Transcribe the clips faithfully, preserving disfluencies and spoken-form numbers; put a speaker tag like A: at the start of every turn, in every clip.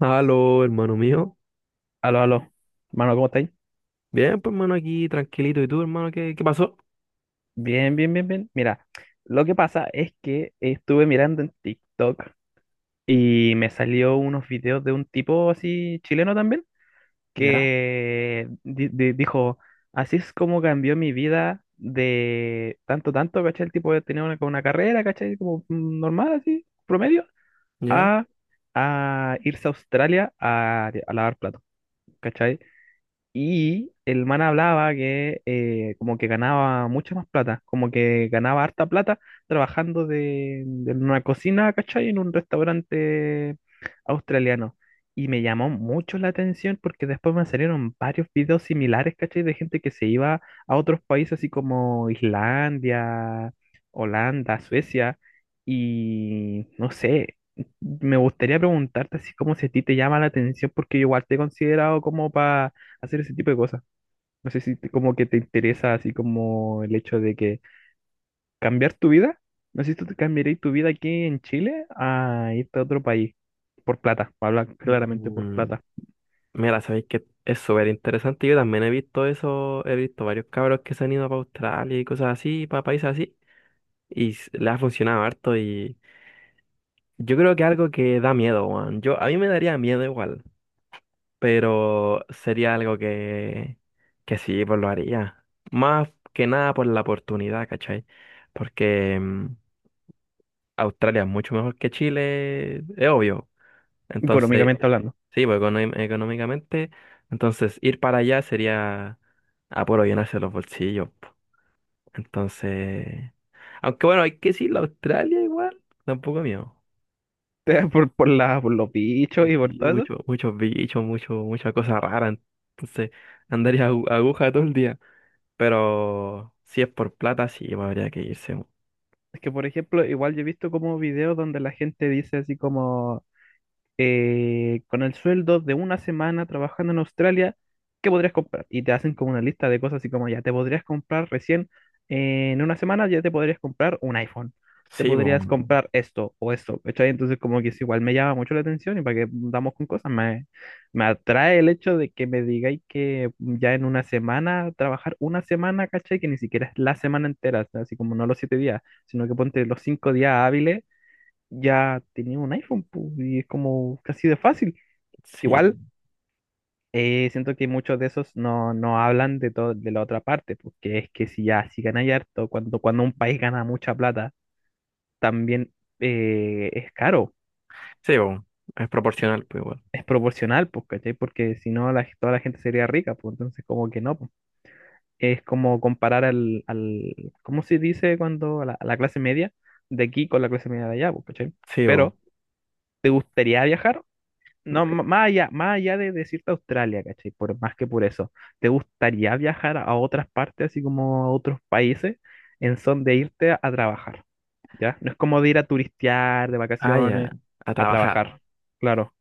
A: Aló, hermano mío.
B: Aló, aló. Mano, ¿cómo estáis?
A: Bien, pues hermano, aquí tranquilito. ¿Y tú, hermano, qué, qué pasó?
B: Bien, bien, bien, bien. Mira, lo que pasa es que estuve mirando en TikTok y me salió unos videos de un tipo así chileno también
A: Ya,
B: que di- di- dijo, así es como cambió mi vida de tanto, tanto, ¿cachai? El tipo tenía una, como una carrera, ¿cachai? Como mm, normal, así, promedio,
A: ya.
B: a, a irse a Australia a, a lavar platos, ¿cachai? Y el man hablaba que eh, como que ganaba mucha más plata, como que ganaba harta plata trabajando de, de una cocina, ¿cachai? En un restaurante australiano. Y me llamó mucho la atención porque después me salieron varios videos similares, ¿cachai? De gente que se iba a otros países así como Islandia, Holanda, Suecia. Y no sé, me gustaría preguntarte así como si a ti te llama la atención porque yo igual te he considerado como para hacer ese tipo de cosas. No sé si te- como que te interesa así como el hecho de que cambiar tu vida. No sé si tú te cambiarías tu vida aquí en Chile a irte a otro país por plata, habla claramente por
A: Mm,
B: plata,
A: mira, sabéis que es súper interesante. Yo también he visto eso, he visto varios cabros que se han ido para Australia y cosas así, para países así. Y s- le ha funcionado harto. Y yo creo que algo que da miedo, Juan. Yo, a mí me daría miedo igual, pero sería algo que, que sí, pues lo haría. Más que nada por la oportunidad, ¿cachai? Porque mm, Australia es mucho mejor que Chile, es obvio. Entonces,
B: económicamente hablando.
A: sí, pues econo- económicamente, entonces ir para allá sería a puro llenarse los bolsillos, po. Entonces, aunque bueno, hay que decirlo, Australia igual, tampoco es mío.
B: Por, por, la, por los bichos y por
A: Sí,
B: todo eso.
A: mucho- muchos bichos, mucho, mucha cosa rara. Entonces, andaría agu- aguja todo el día. Pero si es por plata, sí, pues, habría que irse, po.
B: Es que, por ejemplo, igual yo he visto como videos donde la gente dice así como, eh, con el sueldo de una semana trabajando en Australia, ¿qué podrías comprar? Y te hacen como una lista de cosas así como ya te podrías comprar recién eh, en una semana, ya te podrías comprar un iPhone, te
A: Sí, po.
B: podrías comprar esto o esto, ¿cachai? Entonces como que es igual me llama mucho la atención y para que damos con cosas, me, me atrae el hecho de que me digáis que ya en una semana, trabajar una semana, ¿cachai? Que ni siquiera es la semana entera, así como no los siete días, sino que ponte los cinco días hábiles ya tenía un iPhone, pu, y es como casi de fácil.
A: Sí,
B: Igual, eh, siento que muchos de esos no, no hablan de todo, de la otra parte, porque es que si ya, si ganáis harto, cuando, cuando un país gana mucha plata, también eh, es caro,
A: sí, po. Es proporcional, pues igual.
B: es proporcional, pues, ¿cachai? Porque si no, la, toda la gente sería rica, pues, entonces como que no, pues. Es como comparar al, al, ¿cómo se dice cuando a la, a la clase media de aquí con la clase media de allá, pues, ¿cachai?
A: Sí, po.
B: Pero, ¿te gustaría viajar? No, m- más allá, más allá de decirte Australia, ¿cachai? Por más que por eso, ¿te gustaría viajar a otras partes, así como a otros países, en son de irte a, a trabajar? ¿Ya? No es como de ir a turistear, de
A: Ah,
B: vacaciones,
A: ya, a
B: a
A: trabajar.
B: trabajar. Claro.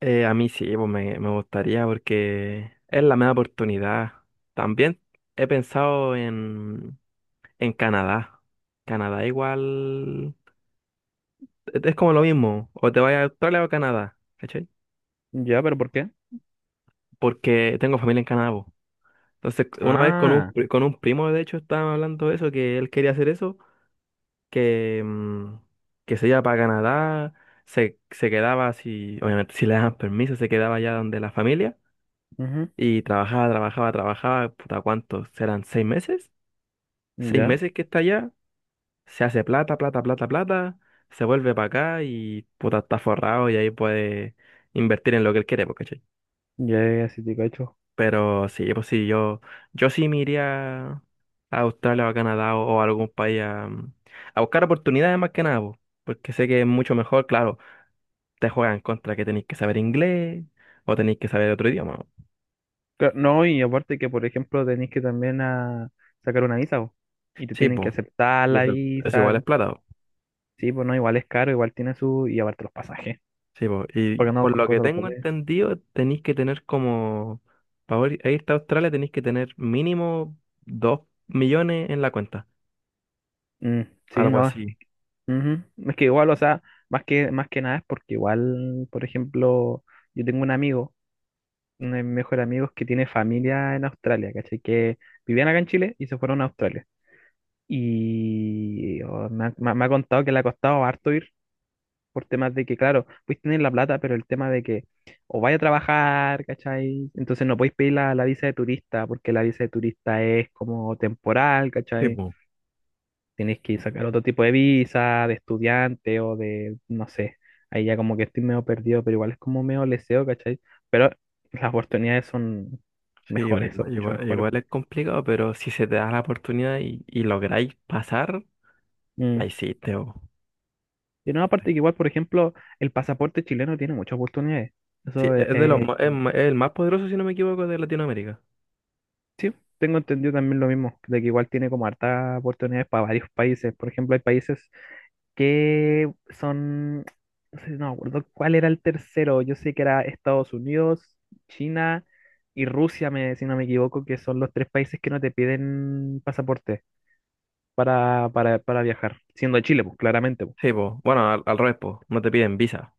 A: Eh, a mí sí, pues me, me gustaría porque es la mejor oportunidad. También he pensado en, en Canadá. Canadá igual es es como lo mismo, o te vas a Australia o a Canadá, ¿cachai?
B: ¿Ya? ¿Pero por qué?
A: Porque tengo familia en Canadá, po. Entonces, una vez con un,
B: Ah,
A: pri- con un primo, de hecho, estábamos hablando de eso, que él quería hacer eso, que, mm, que se iba para Canadá, se, se quedaba, si, obviamente, si le daban permiso, se quedaba allá donde la familia.
B: ujú,
A: Y trabajaba, trabajaba, trabajaba, puta, ¿cuántos? ¿Serán seis meses? Seis
B: ya,
A: meses que está allá, se hace plata, plata, plata, plata, se vuelve para acá y puta, está forrado y ahí puede invertir en lo que él quiere, pues, ¿cachai?
B: ya, ya, sí te cacho.
A: Pero sí, pues sí, yo, yo sí me iría a Australia o a Canadá o, o a algún país a, a buscar oportunidades más que nada, po, porque sé que es mucho mejor, claro, te juegan contra que tenéis que saber inglés o tenéis que saber otro idioma, ¿no?
B: Cla- No, y aparte que, por ejemplo, tenés que también a sacar una visa, po, y te
A: Sí,
B: tienen que
A: pues,
B: aceptar
A: y
B: la
A: eso, eso
B: visa.
A: igual es plata.
B: Sí, pues no, igual es caro, igual tiene su, y aparte los pasajes.
A: Sí, po, y
B: Porque no
A: por
B: con
A: lo que
B: cosas los
A: tengo
B: pasajes.
A: entendido, tenéis que tener como, para irte a Australia tenéis que tener mínimo dos millones en la cuenta,
B: Mm, sí,
A: algo
B: no.
A: así.
B: Ujú. Es que igual, o sea, más que, más que nada es porque igual, por ejemplo, yo tengo un amigo, uno de mis mejores amigos que tiene familia en Australia, ¿cachai? Que vivían acá en Chile y se fueron a Australia. Y oh, me ha, me ha- me ha contado que le ha costado harto ir por temas de que, claro, puedes tener la plata, pero el tema de que o vaya a trabajar, ¿cachai? Entonces no podéis pedir la, la visa de turista porque la visa de turista es como temporal,
A: Sí,
B: ¿cachai?
A: po.
B: Tienes que sacar otro tipo de visa, de estudiante o de, no sé, ahí ya como que estoy medio perdido, pero igual es como medio leseo, ¿cachai? Pero las oportunidades son
A: Sí, po,
B: mejores, son
A: igua-
B: mucho
A: igual,
B: mejores.
A: igual es complicado, pero si se te da la oportunidad y, y lográis pasar, la
B: Mm.
A: hiciste, po.
B: Y no, aparte que igual, por ejemplo, el pasaporte chileno tiene muchas oportunidades.
A: Sí,
B: Eso eh,
A: es de los,
B: eh,
A: ma- es, ma- es el más poderoso, si no me equivoco, de Latinoamérica.
B: sí, tengo entendido también lo mismo, de que igual tiene como hartas oportunidades para varios países. Por ejemplo, hay países que son, no sé, no me acuerdo cuál era el tercero, yo sé que era Estados Unidos, China y Rusia, me, si no me equivoco, que son los tres países que no te piden pasaporte para, para, para viajar, siendo Chile, pues claramente, pues.
A: Sí, po. Bueno, al, al revés, po, no te piden visa.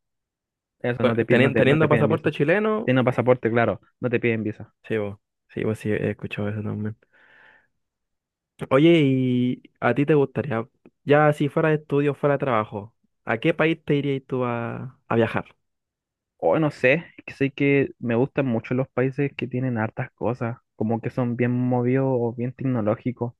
B: Eso no
A: Bueno,
B: te, pi- no
A: teni-
B: te, no te
A: Teniendo,
B: piden
A: pasaporte
B: visa.
A: chileno,
B: Teniendo pasaporte, claro, no te piden visa.
A: sí, po. Sí, pues sí, he escuchado eso también. Oye, ¿y a ti te gustaría, ya si fuera de estudio, fuera de trabajo, ¿a qué país te irías tú a, a viajar?
B: O no sé, es que sé que me gustan mucho los países que tienen hartas cosas, como que son bien movidos o bien tecnológicos.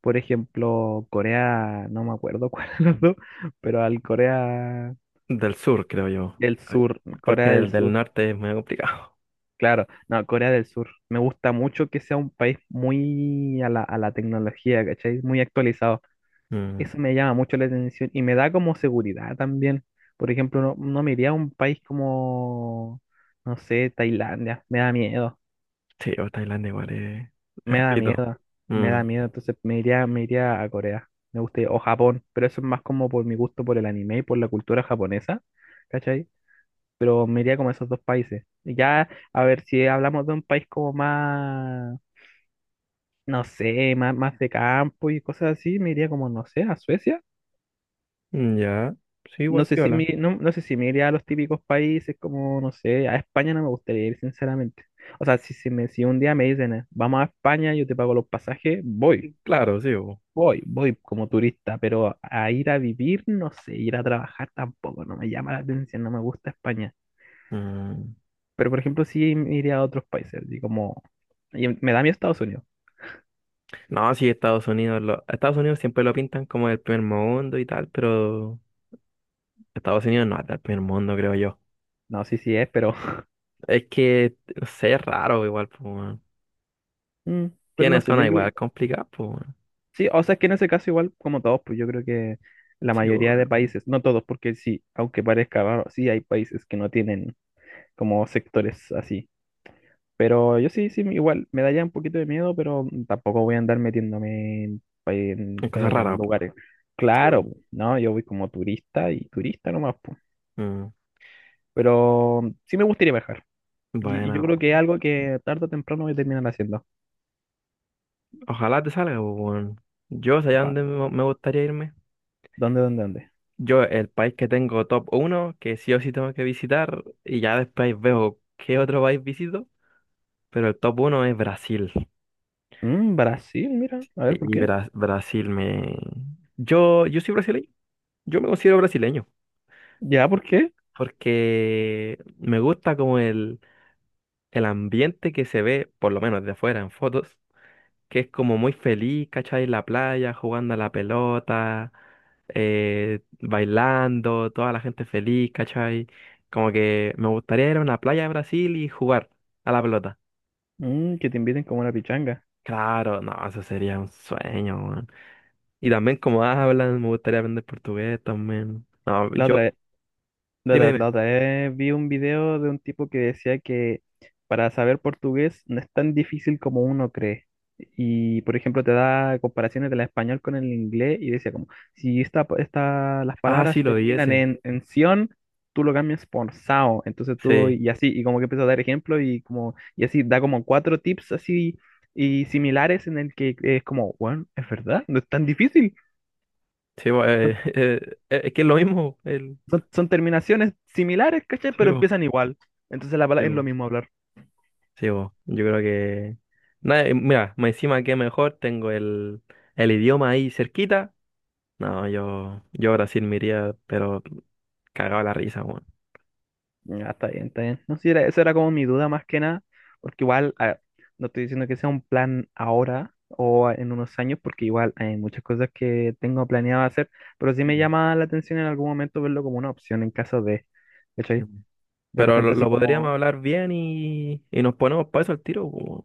B: Por ejemplo, Corea, no me acuerdo cuál es, los dos, pero al Corea
A: Del sur, creo yo,
B: del
A: a-
B: Sur, Corea
A: porque
B: del
A: el del
B: Sur,
A: norte es muy complicado.
B: claro, no, Corea del Sur. Me gusta mucho que sea un país muy a la, a la tecnología, ¿cachai? Muy actualizado.
A: Mm,
B: Eso me llama mucho la atención y me da como seguridad también. Por ejemplo, no, no me iría a un país como, no sé, Tailandia, me da miedo.
A: sí, o Tailandia igual es, es
B: Me da
A: ruido.
B: miedo, me
A: Mm,
B: da miedo, entonces me iría, me iría a Corea, me gustaría, o Japón, pero eso es más como por mi gusto por el anime y por la cultura japonesa, ¿cachai? Pero me iría como a esos dos países. Y ya, a ver, si hablamos de un país como más, no sé, más, más de campo y cosas así, me iría como, no sé, a Suecia.
A: mm, ya, sí,
B: No
A: igual
B: sé si
A: piola.
B: me, no, no sé si me iría a los típicos países como, no sé, a España no me gustaría ir, sinceramente. O sea, si, si, me, si un día me dicen, eh, vamos a España, yo te pago los pasajes, voy.
A: Claro, sí, bo.
B: Voy, voy como turista, pero a ir a vivir, no sé, ir a trabajar tampoco, no me llama la atención, no me gusta España.
A: Mm,
B: Pero por ejemplo, sí iría a otros países, así como... Y em, me da miedo Estados Unidos.
A: no, sí, Estados Unidos, lo- Estados Unidos siempre lo pintan como el primer mundo y tal, pero Estados Unidos no es el primer mundo, creo yo.
B: No, sí, sí es, pero...
A: Es que, no sé, es raro igual, pues.
B: mm, Pero no
A: Tiene
B: sé,
A: zona
B: yo creo...
A: igual complicada, pues, weón.
B: Sí, o sea, es que en ese caso igual como todos, pues yo creo que la
A: Sí,
B: mayoría de
A: bueno.
B: países, no todos, porque sí, aunque parezca raro, sí hay países que no tienen como sectores así. Pero yo sí, sí, igual me da ya un poquito de miedo, pero tampoco voy a andar metiéndome en, en-
A: Una cosa
B: en
A: rara, pues.
B: lugares.
A: Sí,
B: Claro,
A: bueno.
B: po, no, yo voy como turista y turista nomás, po.
A: Mm,
B: Pero sí me gustaría viajar. Y, y yo
A: bueno,
B: creo que es algo que tarde o temprano voy a terminar haciendo.
A: ojalá te salga, pues, weón. Yo, ¿sabes dónde
B: Ojalá.
A: me me gustaría irme?
B: ¿Dónde, dónde, dónde?
A: Yo, el país que tengo top uno, que sí o sí tengo que visitar, y ya después veo qué otro país visito, pero el top uno es Brasil.
B: Mm, Brasil, mira. A ver, ¿por
A: Y
B: qué?
A: Bra- Brasil me... Yo, yo soy brasileño, yo me considero brasileño,
B: ¿Ya, por qué?
A: porque me gusta como el, el ambiente que se ve, por lo menos de afuera en fotos, que es como muy feliz, ¿cachai? En la playa, jugando a la pelota, eh, bailando, toda la gente feliz, ¿cachai? Como que me gustaría ir a una playa de Brasil y jugar a la pelota.
B: Mm, que te inviten como una pichanga.
A: Claro, no, eso sería un sueño, weón. Y también como hablan, me gustaría aprender portugués también. No,
B: La
A: yo,
B: otra La,
A: dime,
B: la-
A: dime.
B: la otra vez vi un video de un tipo que decía que para saber portugués no es tan difícil como uno cree. Y, por ejemplo, te da comparaciones del español con el inglés y decía como, si esta, esta, las
A: Ah,
B: palabras
A: sí, lo di
B: terminan
A: ese.
B: en, en ción, tú lo cambias por sao. Entonces tú,
A: Sí,
B: y así, y como que empezó a dar ejemplo y como, y así, da como cuatro tips así y similares en el que es como, bueno, es verdad, no es tan difícil.
A: sí, bo- eh, eh, es que es lo mismo. El,
B: Son, son terminaciones similares, ¿cachai?
A: sí,
B: Pero
A: bo,
B: empiezan igual. Entonces la
A: sí,
B: palabra es lo
A: bo.
B: mismo hablar.
A: Sí, bo, yo creo que... nada, eh, mira, más encima que mejor tengo el, el idioma ahí cerquita. No, yo, yo a Brasil me iría, pero cagaba la risa, weón.
B: Ya, está bien, está bien. No sé, era, esa era como mi duda más que nada, porque igual, a ver, no estoy diciendo que sea un plan ahora o en unos años, porque igual hay muchas cosas que tengo planeado hacer, pero sí
A: Sí,
B: me
A: po,
B: llama la atención en algún momento verlo como una opción en caso de,
A: sí,
B: ¿cachai?
A: bo.
B: De
A: Pero lo,
B: repente así
A: lo Mm. podríamos
B: como,
A: hablar bien y, y nos ponemos para eso al tiro, po, weón.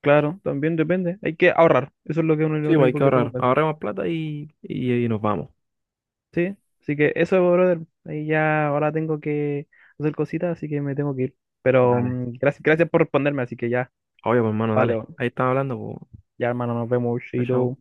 B: claro, también depende, hay que ahorrar, eso es lo que uno, lo
A: Sí, bo, hay que
B: único que tengo
A: ahorrar.
B: que hacer.
A: Ahorremos plata y, y, y nos vamos.
B: Sí, así que eso, brother. Ahí ya ahora tengo que hacer cositas, así que me tengo que ir. Pero
A: Dale.
B: mm, gracias, gracias por responderme, así que ya,
A: Obvio, pues, hermano, dale.
B: vale,
A: Ahí estamos hablando, pues.
B: ya hermano, nos vemos,
A: Chao chau.
B: chido.